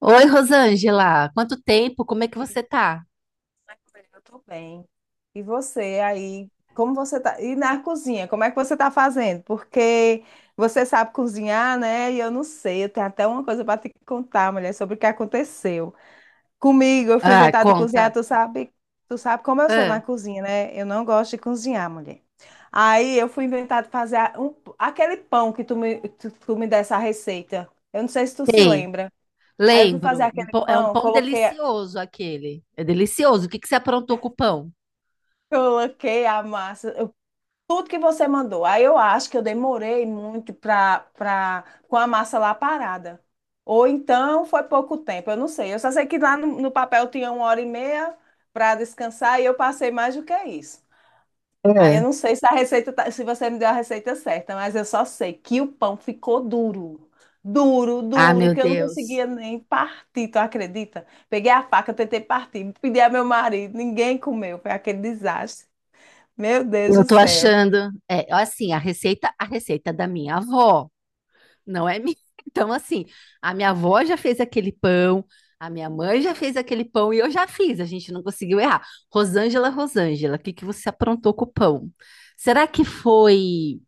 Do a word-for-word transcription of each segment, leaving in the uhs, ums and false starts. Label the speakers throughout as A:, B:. A: Oi, Rosângela, quanto tempo? Como é que
B: Oi,
A: você tá?
B: eu tô bem. E você aí, como você tá? E na cozinha, como é que você tá fazendo? Porque você sabe cozinhar, né? E eu não sei, eu tenho até uma coisa para te contar, mulher, sobre o que aconteceu. Comigo, eu fui
A: Ah,
B: inventar de cozinhar,
A: conta.
B: tu sabe, tu sabe como eu sou na
A: Ah,
B: cozinha, né? Eu não gosto de cozinhar, mulher. Aí eu fui inventar de fazer a- um- aquele pão que tu me, tu, tu me desse a receita. Eu não sei se tu se
A: sei,
B: lembra. Aí eu fui fazer
A: lembro. Um
B: aquele
A: pão- é um
B: pão,
A: pão
B: coloquei,
A: delicioso aquele. É delicioso. O que que você aprontou com o pão?
B: coloquei a massa. Tudo que você mandou. Aí eu acho que eu demorei muito pra, pra, com a massa lá parada. Ou então foi pouco tempo, eu não sei. Eu só sei que lá no, no papel tinha uma hora e meia para descansar e eu passei mais do que isso. Aí eu
A: Ah,
B: não sei se a receita, tá- se você me deu a receita certa, mas eu só sei que o pão ficou duro. Duro,
A: Ah,
B: duro,
A: meu
B: que eu não
A: Deus.
B: conseguia nem partir, tu acredita? Peguei a faca, tentei partir, pedi a meu marido, ninguém comeu, foi aquele desastre. Meu Deus
A: Eu
B: do
A: tô
B: céu.
A: achando, é, assim, a receita, a receita é da minha avó, não é minha. Então, assim, a minha avó já fez aquele pão, a minha mãe já fez aquele pão e eu já fiz, a gente não conseguiu errar. Rosângela, Rosângela, o que que você aprontou com o pão? Será que foi?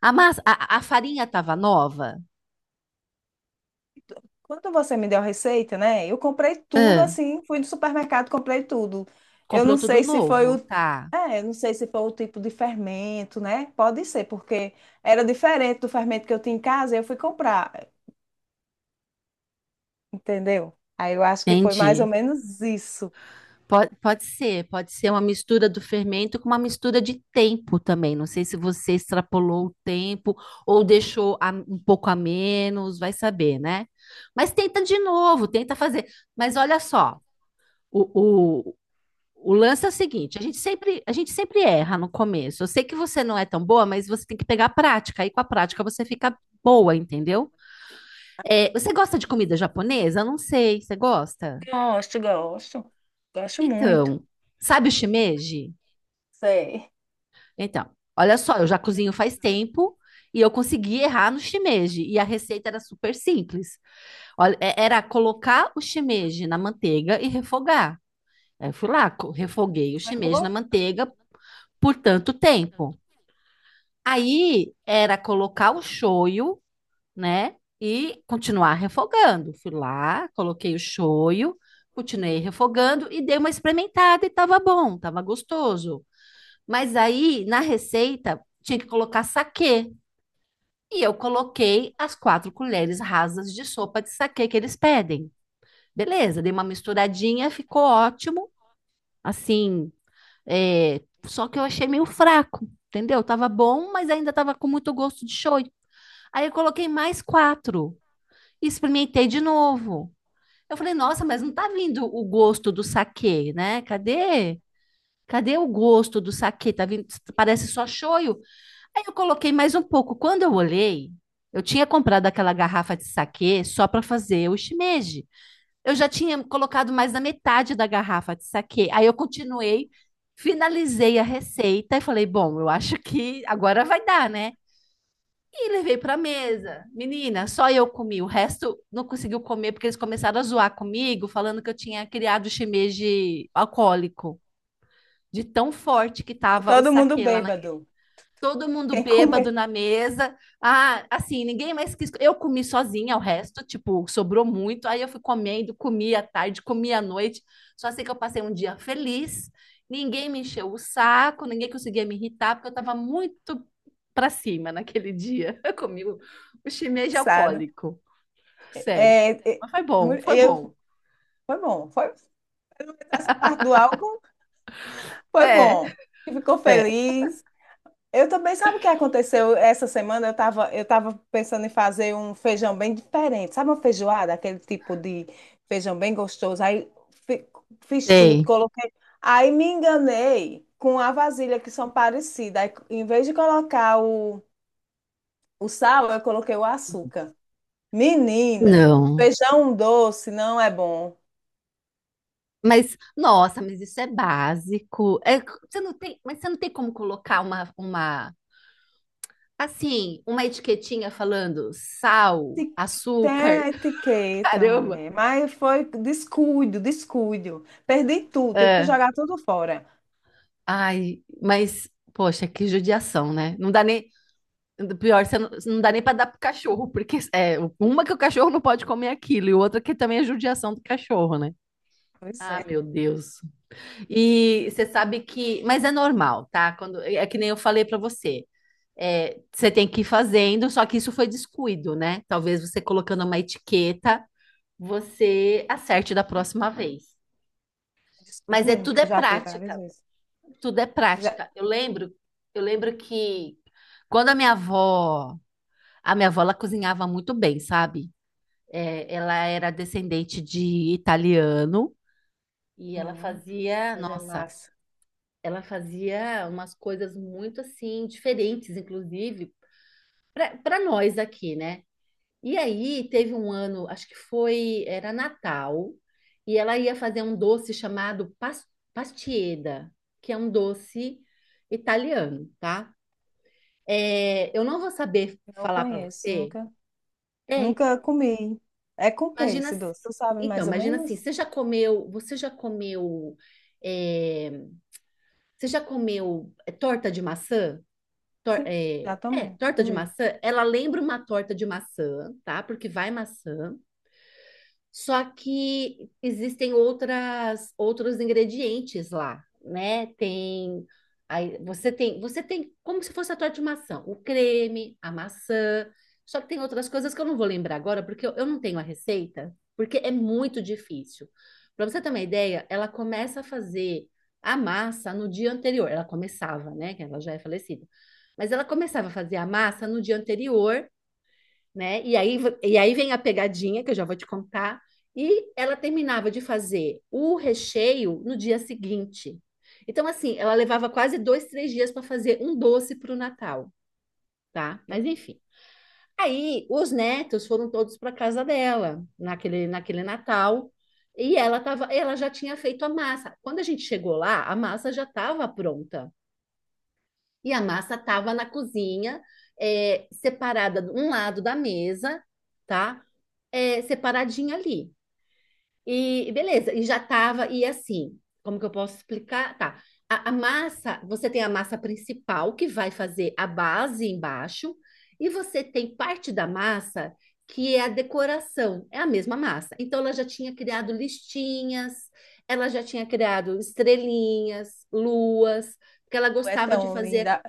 A: A massa, a, a farinha tava nova?
B: Quando você me deu a receita, né? Eu comprei tudo
A: Ah,
B: assim, fui no supermercado, comprei tudo. Eu
A: comprou
B: não
A: tudo
B: sei se foi
A: novo,
B: o,
A: tá?
B: é, eu não sei se foi o tipo de fermento, né? Pode ser, porque era diferente do fermento que eu tinha em casa, e eu fui comprar, entendeu? Aí eu acho que foi mais ou
A: Entendi.
B: menos isso.
A: Pode, pode ser, pode ser uma mistura do fermento com uma mistura de tempo também. Não sei se você extrapolou o tempo ou deixou a- um pouco a menos, vai saber, né? Mas tenta de novo, tenta fazer. Mas olha só, o, o, o lance é o seguinte: a gente sempre, a gente sempre erra no começo. Eu sei que você não é tão boa, mas você tem que pegar a prática. Aí com a prática você fica boa, entendeu? É, você gosta de comida japonesa? Eu não sei, você gosta?
B: Gosto, gosto. Gosto muito.
A: Então, sabe o shimeji?
B: Sei.
A: Então, olha só, eu já cozinho faz tempo e eu consegui errar no shimeji e a receita era super simples. Olha, é- era colocar o shimeji na manteiga e refogar. Aí eu fui lá, co- refoguei o
B: Tu
A: shimeji na
B: errou?
A: manteiga por tanto tempo. Aí era colocar o shoyu, né? E continuar refogando. Fui lá, coloquei o shoyu, continuei refogando e dei uma experimentada e tava bom, tava gostoso. Mas aí, na receita, tinha que colocar saquê. E eu coloquei as quatro colheres rasas de sopa de saquê que eles pedem. Beleza, dei uma misturadinha, ficou ótimo. Assim, é, só que eu achei meio fraco, entendeu? Tava bom, mas ainda tava com muito gosto de shoyu. Aí eu coloquei mais quatro e experimentei de novo. Eu falei, nossa, mas não tá vindo o gosto do saquê, né? Cadê? Cadê o gosto do saquê? Tá vindo, parece só shoyu. Aí eu coloquei mais um pouco. Quando eu olhei, eu tinha comprado aquela garrafa de saquê só para fazer o shimeji. Eu já tinha colocado mais da metade da garrafa de saquê. Aí eu continuei, finalizei a receita e falei, bom, eu acho que agora vai dar, né? E levei pra mesa. Menina, só eu comi. O resto não conseguiu comer porque eles começaram a zoar comigo, falando que eu tinha criado shimeji alcoólico, de tão forte que tava o
B: Todo mundo
A: saquê lá na,
B: bêbado.
A: todo mundo
B: Quem
A: bêbado
B: comeu
A: na mesa. Ah, assim, ninguém mais quis. Eu comi sozinha o resto, tipo, sobrou muito. Aí eu fui comendo, comi à tarde, comi à noite. Só sei que eu passei um dia feliz. Ninguém me encheu o saco, ninguém conseguia me irritar, porque eu tava muito pra cima naquele dia. Eu comi o, o shimeji
B: sabe?
A: alcoólico, sério.
B: É, é,
A: Mas foi
B: mu-
A: bom, foi
B: eu,
A: bom.
B: foi bom. Foi essa parte do álcool. Foi
A: É,
B: bom. Ficou
A: é.
B: feliz. Eu também, sabe o que aconteceu essa semana? Eu estava eu tava pensando em fazer um feijão bem diferente. Sabe uma feijoada? Aquele tipo de feijão bem gostoso. Aí fi- fiz tudo,
A: Sei.
B: coloquei. Aí me enganei com a vasilha, que são parecidas. Aí, em vez de colocar o, o sal, eu coloquei o açúcar. Menina,
A: Não.
B: feijão doce não é bom.
A: Mas, nossa, mas isso é básico. É, você não tem, mas você não tem como colocar uma, uma, assim, uma etiquetinha falando sal,
B: Tem
A: açúcar,
B: a etiqueta,
A: caramba.
B: mulher. Mas foi descuido, descuido. Perdi tudo, tive que
A: É,
B: jogar tudo fora.
A: ai, mas, poxa, que judiação, né? Não dá nem, pior, você não, não dá nem para dar pro cachorro, porque é uma que o cachorro não pode comer é aquilo e outra que também é judiação do cachorro, né?
B: Pois é,
A: Ah,
B: é
A: meu Deus. E você sabe que, mas é normal, tá? Quando é que nem eu falei para você. é, você tem que ir fazendo, só que isso foi descuido, né? Talvez você colocando uma etiqueta, você acerte da próxima vez.
B: descuido
A: Mas é
B: mesmo,
A: tudo
B: que
A: é
B: eu já fiz várias
A: prática,
B: vezes.
A: tudo é
B: Já-
A: prática. Eu lembro, eu lembro que quando a minha avó, a minha avó ela cozinhava muito bem, sabe? É, ela era descendente de italiano e ela
B: Hum,
A: fazia,
B: mas é
A: nossa,
B: massa.
A: ela fazia umas coisas muito assim diferentes, inclusive para nós aqui, né? E aí teve um ano, acho que foi, era Natal, e ela ia fazer um doce chamado pas- pastieda, que é um doce italiano, tá? É, eu não vou saber
B: Não
A: falar para
B: conheço,
A: você.
B: nunca,
A: É,
B: nunca
A: então,
B: comi. É com o que
A: imagina,
B: esse
A: se-
B: doce? Tu sabe
A: então,
B: mais ou
A: imagina assim,
B: menos?
A: você já comeu, você já comeu, é, você já comeu é, torta de maçã? Tor-
B: Sim,
A: é, é,
B: exatamente.
A: torta de
B: Comi.
A: maçã, ela lembra uma torta de maçã, tá? Porque vai maçã. Só que existem outras outros ingredientes lá, né? Tem, aí você tem, você tem como se fosse a tua de maçã, o creme, a maçã. Só que tem outras coisas que eu não vou lembrar agora, porque eu, eu não tenho a receita, porque é muito difícil. Para você ter uma ideia, ela começa a fazer a massa no dia anterior. Ela começava, né? Que ela já é falecida. Mas ela começava a fazer a massa no dia anterior, né? E aí, e aí vem a pegadinha, que eu já vou te contar. E ela terminava de fazer o recheio no dia seguinte. Então, assim, ela levava quase dois, três dias para fazer um doce para o Natal, tá? Mas enfim. Aí, os netos foram todos para casa dela naquele, naquele Natal. E ela tava, ela já tinha feito a massa. Quando a gente chegou lá, a massa já estava pronta. E a massa estava na cozinha, é, separada de um lado da mesa, tá? é, separadinha ali. E beleza, e já tava, e assim, como que eu posso explicar? Tá. A, a massa, você tem a massa principal que vai fazer a base embaixo, e você tem parte da massa que é a decoração, é a mesma massa. Então ela já tinha criado listinhas, ela já tinha criado estrelinhas, luas, porque ela
B: É
A: gostava de
B: tão
A: fazer,
B: linda,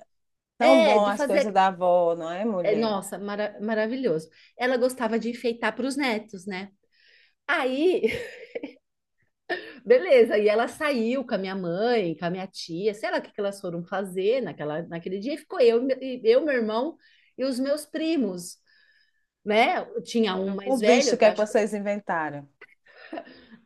B: tão
A: é,
B: bom
A: de
B: as coisas
A: fazer,
B: da avó, não é,
A: é,
B: mulher?
A: nossa, mara- maravilhoso. Ela gostava de enfeitar para os netos, né? Aí, beleza, e ela saiu com a minha mãe, com a minha tia, sei lá o que que elas foram fazer naquela, naquele dia, e ficou eu, e- eu, meu irmão e os meus primos, né? Tinha um
B: Eu por
A: mais
B: visto
A: velho
B: o
A: que
B: que
A: eu
B: é que
A: acho que.
B: vocês inventaram.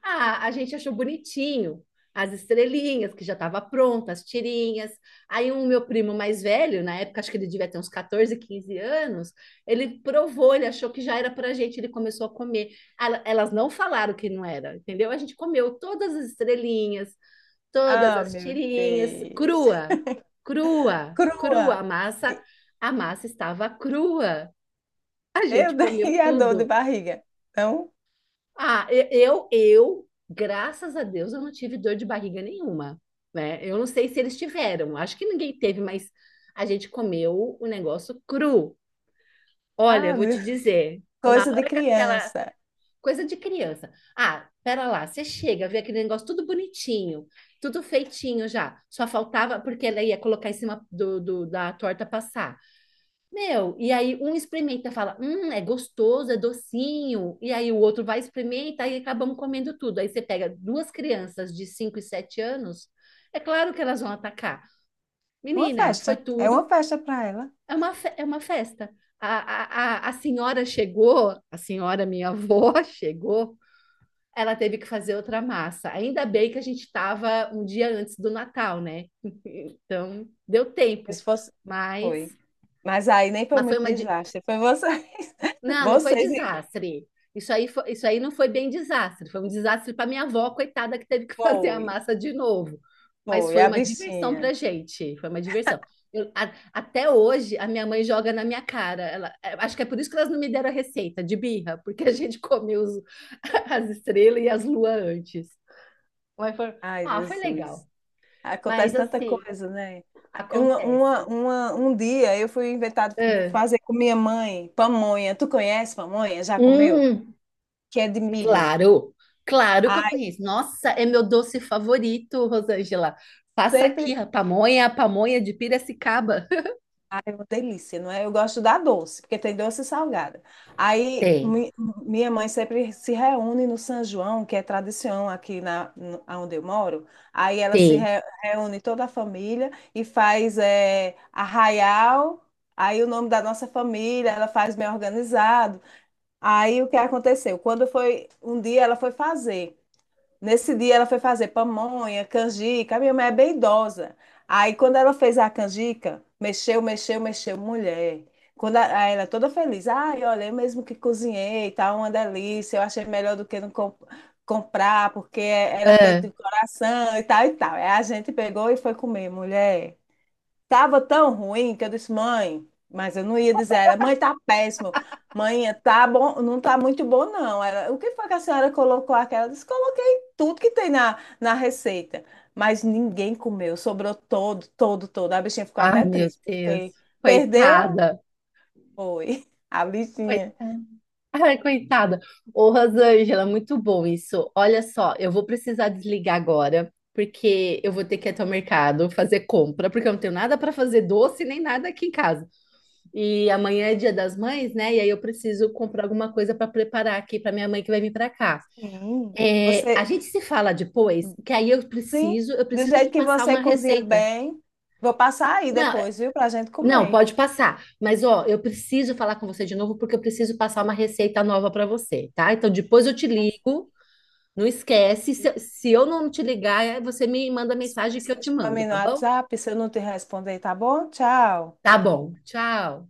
A: Ah, a gente achou bonitinho as estrelinhas, que já estava pronta, as tirinhas. Aí um meu primo mais velho, na época, acho que ele devia ter uns catorze, quinze anos, ele provou, ele achou que já era pra gente, ele começou a comer. Ela- Elas não falaram que não era, entendeu? A gente comeu todas as estrelinhas, todas
B: Ah,
A: as
B: meu
A: tirinhas,
B: Deus.
A: crua, crua, crua.
B: Crua.
A: A massa,
B: E-
A: a massa estava crua. A
B: Eu
A: gente comeu
B: dei a dor de
A: tudo.
B: barriga. Então,
A: Ah, eu, eu, graças a Deus, eu não tive dor de barriga nenhuma, né? Eu não sei se eles tiveram, acho que ninguém teve, mas a gente comeu o negócio cru. Olha, eu
B: ah,
A: vou
B: meu,
A: te dizer, na
B: coisa de
A: hora que aquela
B: criança.
A: coisa de criança. Ah, pera lá, você chega, vê aquele negócio tudo bonitinho, tudo feitinho já. Só faltava porque ela ia colocar em cima do, do- da torta passar. Meu, e aí um experimenta, fala, hum, é gostoso, é docinho. E aí o outro vai experimentar e acabamos comendo tudo. Aí você pega duas crianças de cinco e sete anos, é claro que elas vão atacar.
B: Uma
A: Menina, foi
B: festa. É
A: tudo.
B: uma festa para ela.
A: É uma, fe- é uma festa. A, a, a, a senhora chegou, a senhora, minha avó, chegou, ela teve que fazer outra massa. Ainda bem que a gente estava um dia antes do Natal, né? Então, deu tempo.
B: Se fosse...
A: Mas,
B: Foi. Mas aí nem foi
A: mas foi
B: muito
A: uma... de-
B: desastre. Foi vocês.
A: Não, não foi
B: Vocês e...
A: desastre. Isso aí, foi, isso aí não foi bem desastre. Foi um desastre para minha avó, coitada, que teve que fazer a
B: Foi.
A: massa de novo. Mas
B: Foi.
A: foi
B: A
A: uma diversão
B: bichinha.
A: para gente. Foi uma diversão. Eu- a- até hoje, a minha mãe joga na minha cara. Ela, é, acho que é por isso que elas não me deram a receita de birra, porque a gente comeu os- as estrelas e as luas antes. Mas foi,
B: Ai,
A: ah, foi legal.
B: Jesus. Acontece
A: Mas
B: tanta
A: assim,
B: coisa, né? Uma, uma,
A: acontece.
B: uma- um dia eu fui inventar
A: Ah,
B: fazer com minha mãe pamonha. Tu conhece pamonha? Já comeu?
A: hum,
B: Que é de milho.
A: claro, claro que eu
B: Ai,
A: conheço. Nossa, é meu doce favorito, Rosângela. Passa aqui,
B: sempre
A: a pamonha, a pamonha de Piracicaba.
B: Ah, é uma delícia, não é? Eu gosto da doce, porque tem doce e salgada. Aí
A: Tem,
B: mi- minha mãe sempre se reúne no São João, que é tradição aqui na, no- onde eu moro. Aí ela se
A: tem.
B: re- reúne toda a família e faz eh, arraial. Aí o nome da nossa família, ela faz bem organizado. Aí o que aconteceu? Quando foi um dia ela foi fazer. Nesse dia ela foi fazer pamonha, canjica. A minha mãe é bem idosa. Aí quando ela fez a canjica, mexeu, mexeu, mexeu, mulher. Quando a- aí ela é toda feliz, ai, olha, eu mesmo que cozinhei, tá uma delícia. Eu achei melhor do que não com- comprar, porque era
A: Ah,
B: feito de coração e tal e tal. Aí a gente pegou e foi comer, mulher. Tava tão ruim que eu disse, mãe, mas eu não ia dizer, era, mãe, tá péssimo. Mãe, tá bom, não tá muito bom, não. Ela, o que foi que a senhora colocou aquela? Ela disse, coloquei tudo que tem na, na receita. Mas ninguém comeu, sobrou todo, todo, todo. A bichinha ficou
A: ai,
B: até
A: meu
B: triste,
A: Deus,
B: porque perdeu,
A: coitada,
B: foi. A bichinha.
A: coitada. Ai, coitada. Ô, Rosângela, muito bom isso. Olha só, eu vou precisar desligar agora, porque eu vou ter que ir até o mercado fazer compra, porque eu não tenho nada para fazer doce nem nada aqui em casa. E amanhã é Dia das Mães, né? E aí eu preciso comprar alguma coisa para preparar aqui para minha mãe que vai vir para cá.
B: Sim.
A: É, a
B: Você,
A: gente se fala depois, que aí eu
B: sim,
A: preciso, eu
B: do
A: preciso te
B: jeito que
A: passar
B: você
A: uma
B: cozinha
A: receita.
B: bem, vou passar aí
A: Não,
B: depois, viu, pra gente
A: não,
B: comer.
A: pode passar. Mas ó, eu preciso falar com você de novo porque eu preciso passar uma receita nova para você, tá? Então depois eu te ligo. Não esquece. Se, se eu não te ligar, é, você me manda
B: Sua
A: mensagem que eu te
B: mensagem para
A: mando,
B: mim no
A: tá bom?
B: WhatsApp, se eu não te responder, tá bom? Tchau.
A: Tá bom. Tchau.